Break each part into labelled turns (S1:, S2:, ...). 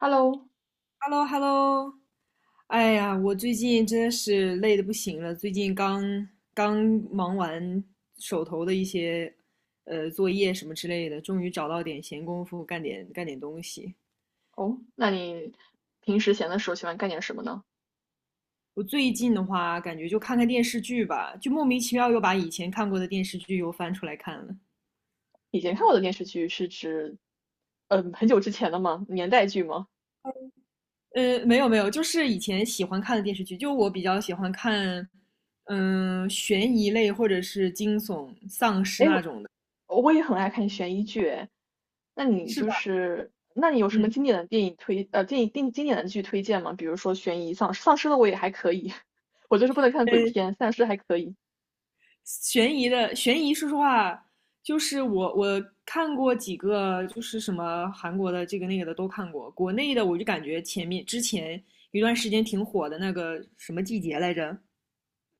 S1: Hello。
S2: h e l l o h e l l o 哎呀，我最近真的是累的不行了，最近刚忙完手头的一些作业什么之类的，终于找到点闲工夫干点东西。
S1: 哦，那你平时闲的时候喜欢干点什么呢？
S2: 我最近的话，感觉就看看电视剧吧，就莫名其妙又把以前看过的电视剧又翻出来看了。
S1: 以前看过的电视剧是指，嗯，很久之前的吗？年代剧吗？
S2: 没有没有，就是以前喜欢看的电视剧，就我比较喜欢看，嗯、悬疑类或者是惊悚、丧尸
S1: 哎，
S2: 那种的，
S1: 我也很爱看悬疑剧，哎，
S2: 是吧？
S1: 那你有什
S2: 嗯。
S1: 么经典的电影推，呃，电影定经典的剧推荐吗？比如说悬疑丧尸，丧尸的我也还可以，我就是不能看鬼
S2: 呃
S1: 片，丧尸还可以。
S2: 悬疑的悬疑，说实话，就是我看过几个，就是什么韩国的这个那个的都看过，国内的我就感觉前面之前一段时间挺火的那个什么季节来着，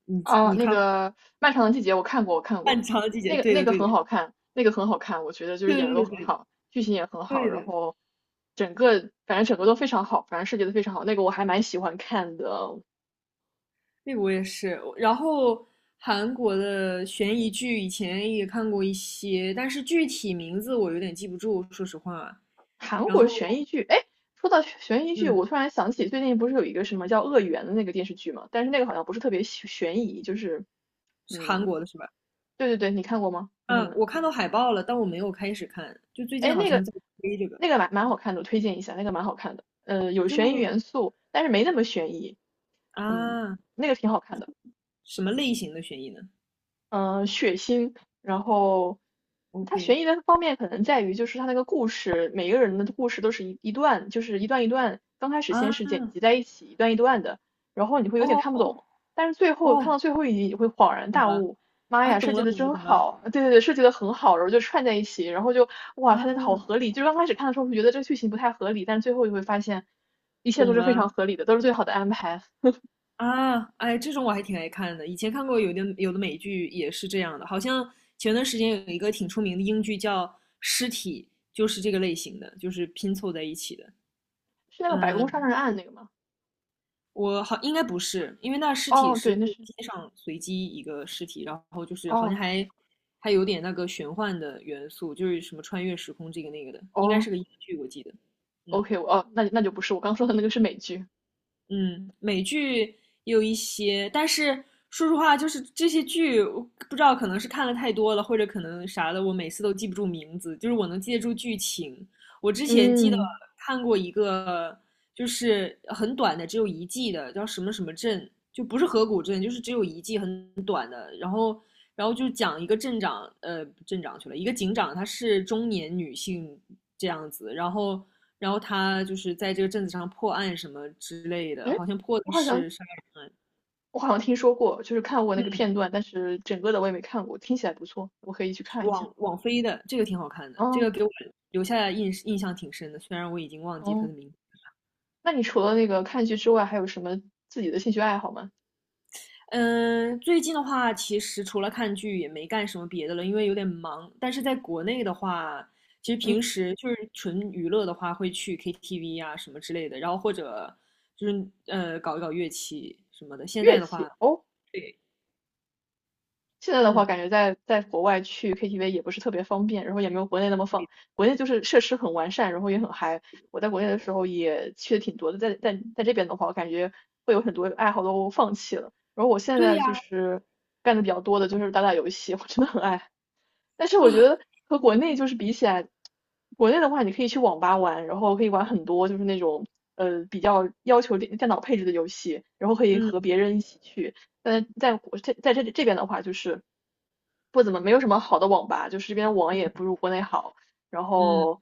S2: 你
S1: 啊，
S2: 你
S1: 那
S2: 看
S1: 个《漫长的季节》我看过,
S2: 漫长的季节，
S1: 那个
S2: 对
S1: 那
S2: 的
S1: 个
S2: 对的
S1: 很好看，那个很好看，我觉得就是
S2: 对
S1: 演的都
S2: 对对
S1: 很
S2: 的
S1: 好，剧情也很好，
S2: 对
S1: 然
S2: 的，
S1: 后整个反正整个都非常好，反正设计的非常好，那个我还蛮喜欢看的
S2: 那个我也是。然后韩国的悬疑剧以前也看过一些，但是具体名字我有点记不住，说实话。
S1: 韩
S2: 然
S1: 国
S2: 后
S1: 悬疑剧。哎，说到悬疑剧，
S2: 嗯，
S1: 我突然想起最近不是有一个什么叫《恶缘》的那个电视剧嘛，但是那个好像不是特别悬疑，就是
S2: 是韩
S1: 嗯，
S2: 国的是吧？
S1: 对对对，你看过吗？你可
S2: 嗯，
S1: 能。
S2: 我看到海报了，但我没有开始看。就最近
S1: 哎，
S2: 好
S1: 那个
S2: 像在推这个，
S1: 那个蛮好看的，我推荐一下，那个蛮好看的，呃，有
S2: 就
S1: 悬疑元素，但是没那么悬疑，嗯，
S2: 啊，
S1: 那个挺好看的。
S2: 什么类型的悬疑呢
S1: 血腥，然后它
S2: ？OK
S1: 悬疑的方面可能在于就是它那个故事，每个人的故事都是一段，就是一段一段，刚开始
S2: 啊，
S1: 先是剪辑在一起，一段一段的，然后你会有点
S2: 哦
S1: 看不
S2: 哦
S1: 懂，但是最后看到
S2: 哦，
S1: 最后一集，你会恍然
S2: 懂
S1: 大
S2: 了
S1: 悟，妈
S2: 啊，
S1: 呀，设
S2: 懂
S1: 计
S2: 了
S1: 的
S2: 懂了
S1: 真
S2: 懂了
S1: 好，对对对，设计的很好，然后就串在一起，然后就哇，
S2: 啊，
S1: 它真的好合理，就是刚开始看的时候会觉得这个剧情不太合理，但是最后就会发现一切都
S2: 懂
S1: 是非常
S2: 了
S1: 合理的，都是最好的安排，
S2: 啊，哎，这种我还挺爱看的。以前看过有的美剧也是这样的，好像前段时间有一个挺出名的英剧叫《尸体》，就是这个类型的，就是拼凑在一起的。
S1: 是那个白宫杀
S2: 嗯
S1: 人案那个吗？
S2: 我好应该不是，因为那尸体
S1: 哦，对，
S2: 是就
S1: 那
S2: 是
S1: 是，
S2: 街上随机一个尸体，然后就是好像
S1: 哦
S2: 还还有点那个玄幻的元素，就是什么穿越时空这个那个的，应该
S1: 哦。
S2: 是个英剧，我记得。嗯
S1: OK,我哦，那那就不是我刚说的那个是美剧。
S2: 嗯，美剧也有一些，但是说实话，就是这些剧，我不知道可能是看了太多了，或者可能啥的，我每次都记不住名字，就是我能记得住剧情。我之前记得
S1: 嗯，
S2: 看过一个就是很短的，只有一季的，叫什么什么镇，就不是河谷镇，就是只有一季很短的。然后，然后就讲一个镇长，镇长去了，一个警长，她是中年女性这样子，然后，然后她就是在这个镇子上破案什么之类的，
S1: 哎，
S2: 好像破
S1: 我
S2: 的
S1: 好像
S2: 是啥？
S1: 我好像听说过，就是看过那个
S2: 嗯，
S1: 片段，但是整个的我也没看过，听起来不错，我可以去
S2: 是
S1: 看一下。
S2: 网飞的，这个挺好看的，这
S1: 哦
S2: 个给我留下印象挺深的，虽然我已经忘记她
S1: 哦，
S2: 的名字。
S1: 那你除了那个看剧之外，还有什么自己的兴趣爱好吗？
S2: 嗯，最近的话，其实除了看剧也没干什么别的了，因为有点忙。但是在国内的话，其实
S1: 嗯，
S2: 平时就是纯娱乐的话，会去 KTV 啊什么之类的，然后或者就是搞一搞乐器什么的。现在
S1: 乐
S2: 的话，
S1: 器哦，
S2: 对，
S1: 现在的
S2: 嗯，
S1: 话，感觉在国外去 KTV 也不是特别方便，然后也没有国内那么放。国内就是设施很完善，然后也很嗨。我在国内的时候也去的挺多的，在这边的话，我感觉会有很多爱好都放弃了。然后我现
S2: 对
S1: 在就
S2: 呀，
S1: 是干的比较多的就是打打游戏，我真的很爱但是我觉得
S2: 啊，
S1: 和国内就是比起来，国内的话你可以去网吧玩，然后可以玩很多就是那种比较要求电脑配置的游戏，然后可以
S2: 嗯
S1: 和别人一起去。但在国在在这这边的话，就是不怎么没有什么好的网吧，就是这边网也不
S2: 嗯，
S1: 如国内好。然
S2: 嗯，
S1: 后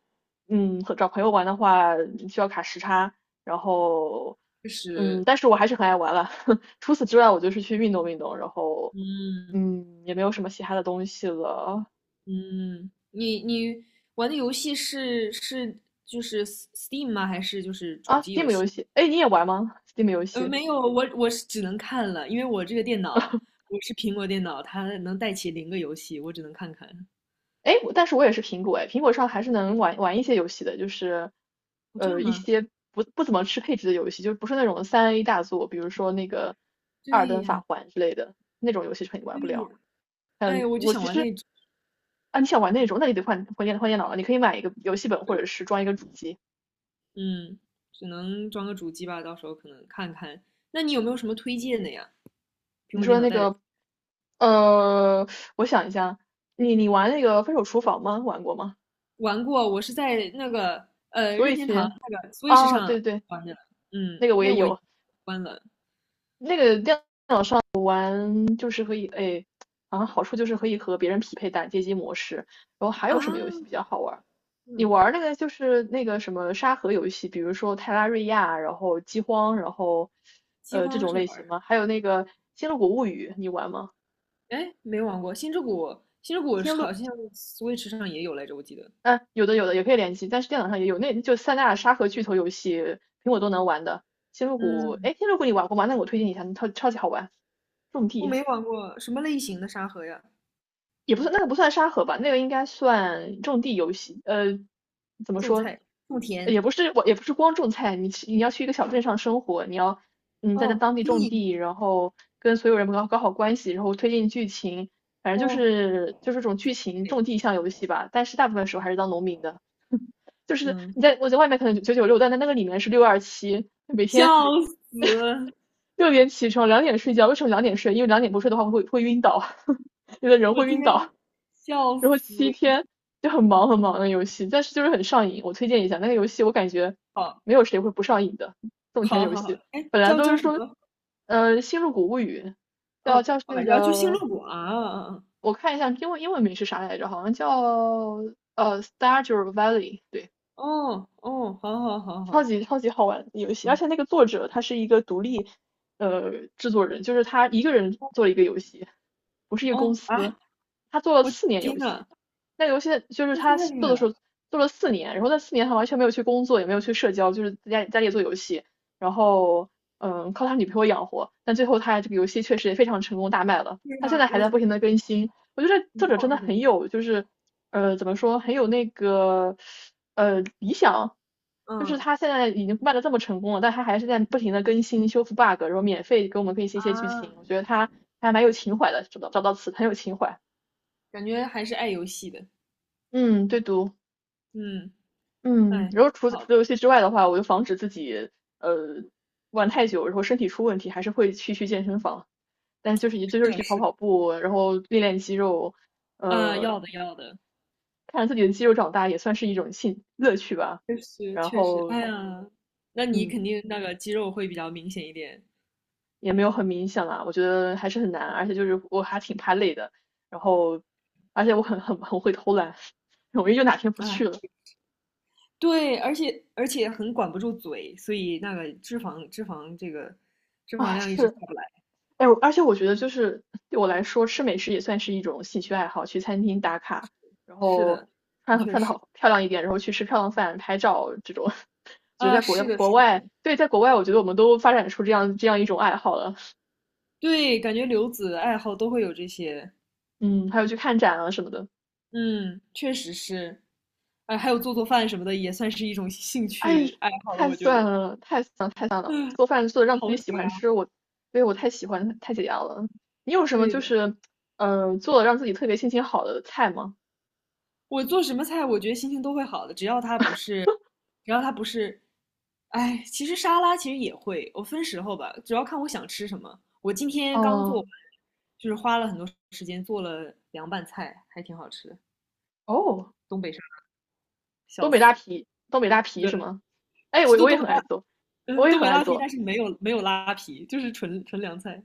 S1: 嗯，和找朋友玩的话需要卡时差，然后
S2: 就
S1: 嗯，
S2: 是
S1: 但是我还是很爱玩了。除此之外，我就是去运动运动，然后。
S2: 嗯
S1: 嗯，也没有什么其他的东西了。
S2: 嗯，你玩的游戏是就是 Steam 吗？还是就是主
S1: 啊
S2: 机游
S1: ，Steam 游
S2: 戏？
S1: 戏，哎，你也玩吗？Steam 游戏，
S2: 没有，我是只能看了，因为我这个电脑我是苹果电脑，它能带起零个游戏，我只能看看。
S1: 哎，我但是我也是苹果，哎，苹果上还是能玩一些游戏的，就是
S2: 哦，这样
S1: 一
S2: 吗？
S1: 些不怎么吃配置的游戏，就是不是那种三 A 大作，比如说那个《二尔
S2: 对
S1: 登法
S2: 呀，
S1: 环》之类的那种游戏肯定玩
S2: 对
S1: 不了。
S2: 呀。
S1: 还有
S2: 哎，我就
S1: 我
S2: 想
S1: 其
S2: 玩
S1: 实
S2: 那种，
S1: 啊，你想玩那种，那你得换电脑了，你可以买一个游戏本或者是装一个主机。
S2: 嗯，只能装个主机吧，到时候可能看看。那你有没有什么推荐的呀？苹
S1: 你
S2: 果
S1: 说
S2: 电
S1: 的
S2: 脑
S1: 那
S2: 带的，
S1: 个呃，我想一下，你玩那个《分手厨房》吗？玩过吗？
S2: 玩过，我是在那个
S1: 所
S2: 任
S1: 以
S2: 天堂
S1: 去
S2: 那个 Switch
S1: 啊，
S2: 上
S1: 对对，
S2: 玩的，嗯，
S1: 那个我也
S2: 那我
S1: 有。
S2: 关了
S1: 那个电嗯就是可以，哎，好像好处就是可以和别人匹配打街机模式。然后还
S2: 啊，
S1: 有什么游戏比较好玩儿？你
S2: 嗯，
S1: 玩儿那个就是那个什么沙盒游戏，比如说泰拉瑞亚，然后饥荒，然后
S2: 饥
S1: 这
S2: 荒
S1: 种
S2: 是
S1: 类
S2: 玩
S1: 型
S2: 的。
S1: 吗？还有那个《星露谷物语》，你玩吗？
S2: 哎，没玩过《星之谷》，《星之谷》
S1: 星
S2: 好
S1: 露，
S2: 像 Switch 上也有来着，我记得。
S1: 嗯、有的也可以联机，但是电脑上也有，那就三大沙盒巨头游戏，苹果都能玩的。星露谷，
S2: 嗯，
S1: 哎，星露谷你玩过吗？那我推荐一下，超超级好玩，种
S2: 我
S1: 地。
S2: 没玩过，什么类型的沙盒呀？
S1: 也不算那个不算沙盒吧，那个应该算种地游戏。呃，怎么
S2: 种
S1: 说？
S2: 菜、种田，
S1: 也不是我，也不是光种菜，你要去一个小镇上生活，你要嗯在
S2: 哦，
S1: 当地
S2: 经
S1: 种
S2: 营，
S1: 地，然后跟所有人搞搞好关系，然后推进剧情，反正就
S2: 哦，
S1: 是就是这种剧
S2: 经营
S1: 情
S2: 类，
S1: 种地向游戏吧。但是大部分时候还是当农民的，就是
S2: 嗯，
S1: 你在我在外面可能九九六，但在那个里面是六二七，每天
S2: 笑死！
S1: 六点起床，两点睡觉。为什么两点睡？因为两点不睡的话会晕倒，有的人
S2: 我
S1: 会
S2: 天，
S1: 晕倒。
S2: 笑死！
S1: 然后七天就很忙很忙的游戏，但是就是很上瘾。我推荐一下那个游戏，我感觉
S2: 好，
S1: 没有谁会不上瘾的。种田
S2: 好，
S1: 游
S2: 好，好，
S1: 戏
S2: 哎，
S1: 本来
S2: 叫
S1: 都
S2: 叫
S1: 是
S2: 什
S1: 说，
S2: 么？
S1: 呃，《星露谷物语》叫
S2: 哦，
S1: 叫
S2: 哦，
S1: 那
S2: 要去星
S1: 个，
S2: 露谷啊，啊
S1: 我看一下英文名是啥来着，好像叫《Stardew Valley》,对，
S2: 哦，哦，好好好
S1: 超
S2: 好，
S1: 级超级好玩的游戏，而
S2: 嗯，
S1: 且那个作者他是一个独立呃制作人，就是他一个人做了一个游戏，不是一个公
S2: 哦
S1: 司，
S2: 啊，
S1: 他做了
S2: 我
S1: 四年
S2: 天
S1: 游
S2: 呐，
S1: 戏，那游戏就是
S2: 那
S1: 他
S2: 太厉
S1: 做
S2: 害
S1: 的时候
S2: 了！
S1: 做了四年，然后那四年他完全没有去工作，也没有去社交，就是在家里做游戏，然后嗯靠他女朋友养活，但最后他这个游戏确实也非常成功大卖了，
S2: 对
S1: 他现
S2: 呀，
S1: 在还
S2: 我
S1: 在
S2: 天，
S1: 不停的更新，我觉得这
S2: 一
S1: 作者
S2: 炮
S1: 真的
S2: 而红，
S1: 很有就是怎么说，很有那个理想，就是
S2: 嗯。
S1: 他现在已经卖的这么成功了，但他还是在不停的更新修复 bug,然后免费给我们更新一些剧
S2: 啊，
S1: 情，我觉得他还蛮有情怀的，找到找到词很有情怀。
S2: 感觉还是爱游戏的，
S1: 嗯，对读，
S2: 嗯，
S1: 嗯，
S2: 哎，
S1: 然后
S2: 挺好
S1: 除
S2: 的，
S1: 了游戏之外的话，我就防止自己呃玩太久，然后身体出问题，还是会去健身房，但是就是也就
S2: 是
S1: 是
S2: 的，
S1: 去跑
S2: 是的，
S1: 跑步，然后练练肌肉，
S2: 啊，
S1: 呃，
S2: 要的要的，
S1: 看着自己的肌肉长大也算是一种兴乐趣吧。
S2: 确实
S1: 然
S2: 确实，
S1: 后
S2: 哎呀，那你
S1: 嗯，
S2: 肯定那个肌肉会比较明显一点，
S1: 也没有很明显啦，我觉得还是很难，而且就是我还挺怕累的，然后而且我很会偷懒，容易就哪天不
S2: 啊，
S1: 去了。
S2: 对，而且很管不住嘴，所以那个脂肪这个脂肪
S1: 啊，
S2: 量一直下
S1: 是，
S2: 不来，
S1: 哎，我而且我觉得就是对我来说，吃美食也算是一种兴趣爱好，去餐厅打卡，然
S2: 是
S1: 后
S2: 的，的
S1: 穿
S2: 确
S1: 穿的
S2: 是，
S1: 好漂亮一点，然后去吃漂亮饭、拍照这种。觉得
S2: 啊，
S1: 在国
S2: 是的，是
S1: 国
S2: 的，
S1: 外，对，在国外，我觉得我们都发展出这样一种爱好了。
S2: 对，感觉留子爱好都会有这些，
S1: 嗯，还有去看展啊什么的。
S2: 嗯，确实是，哎，还有做饭什么的也算是一种兴
S1: 哎，
S2: 趣爱好了，
S1: 太
S2: 我觉
S1: 算
S2: 得。
S1: 了，太算了，太算了！
S2: 嗯
S1: 做饭做的让自
S2: 好
S1: 己喜
S2: 解
S1: 欢
S2: 压，
S1: 吃，我，对，我太喜欢，太解压了。你有什么
S2: 对
S1: 就
S2: 的。
S1: 是，呃，做的让自己特别心情好的菜吗？
S2: 我做什么菜，我觉得心情都会好的，只要它不是，只要它不是，哎，其实沙拉其实也会，我分时候吧，主要看我想吃什么。我今天刚做
S1: 哦，
S2: 完就是花了很多时间做了凉拌菜，还挺好吃的，
S1: 哦，
S2: 东北沙拉笑
S1: 东北大
S2: 死。
S1: 皮，东北大皮
S2: 对，
S1: 是吗？哎，
S2: 是
S1: 我
S2: 东
S1: 我也
S2: 东
S1: 很
S2: 北拉，
S1: 爱做，我
S2: 嗯，
S1: 也
S2: 东
S1: 很
S2: 北
S1: 爱
S2: 拉皮，
S1: 做。
S2: 但是没有没有拉皮，就是纯纯凉菜。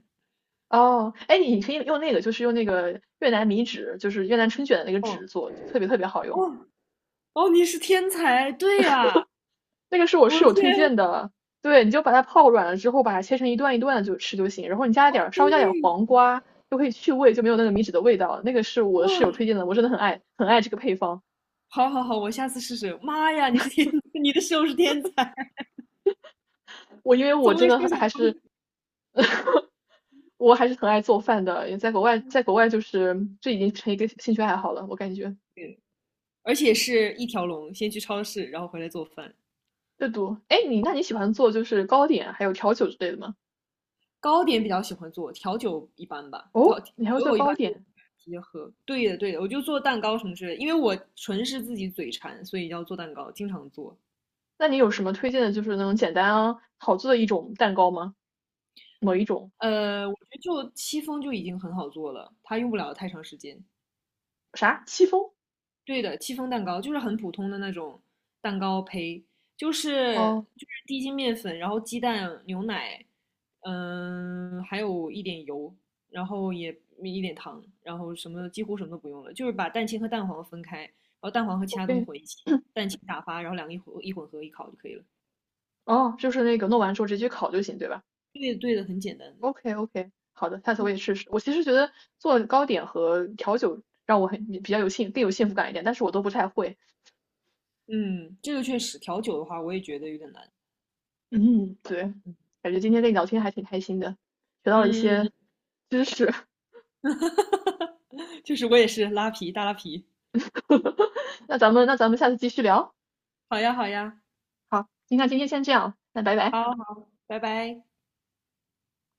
S1: 哦，哎，你可以用那个，就是用那个越南米纸，就是越南春卷的那个纸
S2: 哦
S1: 做，特别特别好用。
S2: 哦哦，你是天才，对呀，
S1: 那个是我
S2: 我
S1: 室
S2: 的
S1: 友推
S2: 天，
S1: 荐的，对，你就把它泡软了之后，把它切成一段一段的就吃就行，然后你加一
S2: 哦
S1: 点儿稍
S2: 对，
S1: 微加点儿黄瓜，就可以去味，就没有那个米脂的味道了。那个是我室友推
S2: 哇，
S1: 荐的，我真的很爱很爱这个配方。
S2: 好好好，我下次试试。妈呀，你是天，你的室友是天才，
S1: 我因为我
S2: 从
S1: 真
S2: 未
S1: 的
S2: 设
S1: 很
S2: 想
S1: 还
S2: 过。
S1: 是，我还是很爱做饭的，也在国外，在国外就是这已经成一个兴趣爱好了，我感觉
S2: 对而且是一条龙，先去超市，然后回来做饭。
S1: 阅读。哎，你那你喜欢做就是糕点还有调酒之类的吗？
S2: 糕点比较喜欢做，调酒一般吧，调
S1: 哦，
S2: 酒
S1: 你还会做
S2: 我一般
S1: 糕
S2: 就
S1: 点？
S2: 直接喝。对的，对的，我就做蛋糕什么之类的，因为我纯是自己嘴馋，所以要做蛋糕，经常做。
S1: 那你有什么推荐的，就是那种简单啊好做的一种蛋糕吗？某一种？
S2: 我觉得就戚风就已经很好做了，它用不了太长时间。
S1: 啥？戚风？
S2: 对的，戚风蛋糕就是很普通的那种蛋糕胚，就是
S1: 哦
S2: 就是低筋面粉，然后鸡蛋、牛奶，嗯，还有一点油，然后也一点糖，然后什么几乎什么都不用了，就是把蛋清和蛋黄分开，然后蛋黄和其他东西
S1: ，OK,
S2: 混一起，蛋清打发，然后两个一混合一烤就可以了。
S1: 哦，就是那个弄完之后直接去烤就行，对吧
S2: 对的对的，很简单的。
S1: ？OK OK,好的，下次我
S2: 嗯
S1: 也试试。我其实觉得做糕点和调酒让我比较有幸福感一点，但是我都不太会。
S2: 嗯，这个确实调酒的话，我也觉得有点难。
S1: 嗯，对，
S2: 嗯
S1: 感觉今天跟
S2: 嗯
S1: 你聊天还挺开心的，学到了一
S2: 嗯，
S1: 些
S2: 嗯
S1: 知识。
S2: 就是我也是拉皮大拉皮。
S1: 那咱们下次继续聊。
S2: 好呀好呀。
S1: 好，那今天先这样，那拜拜。
S2: 好好，拜拜。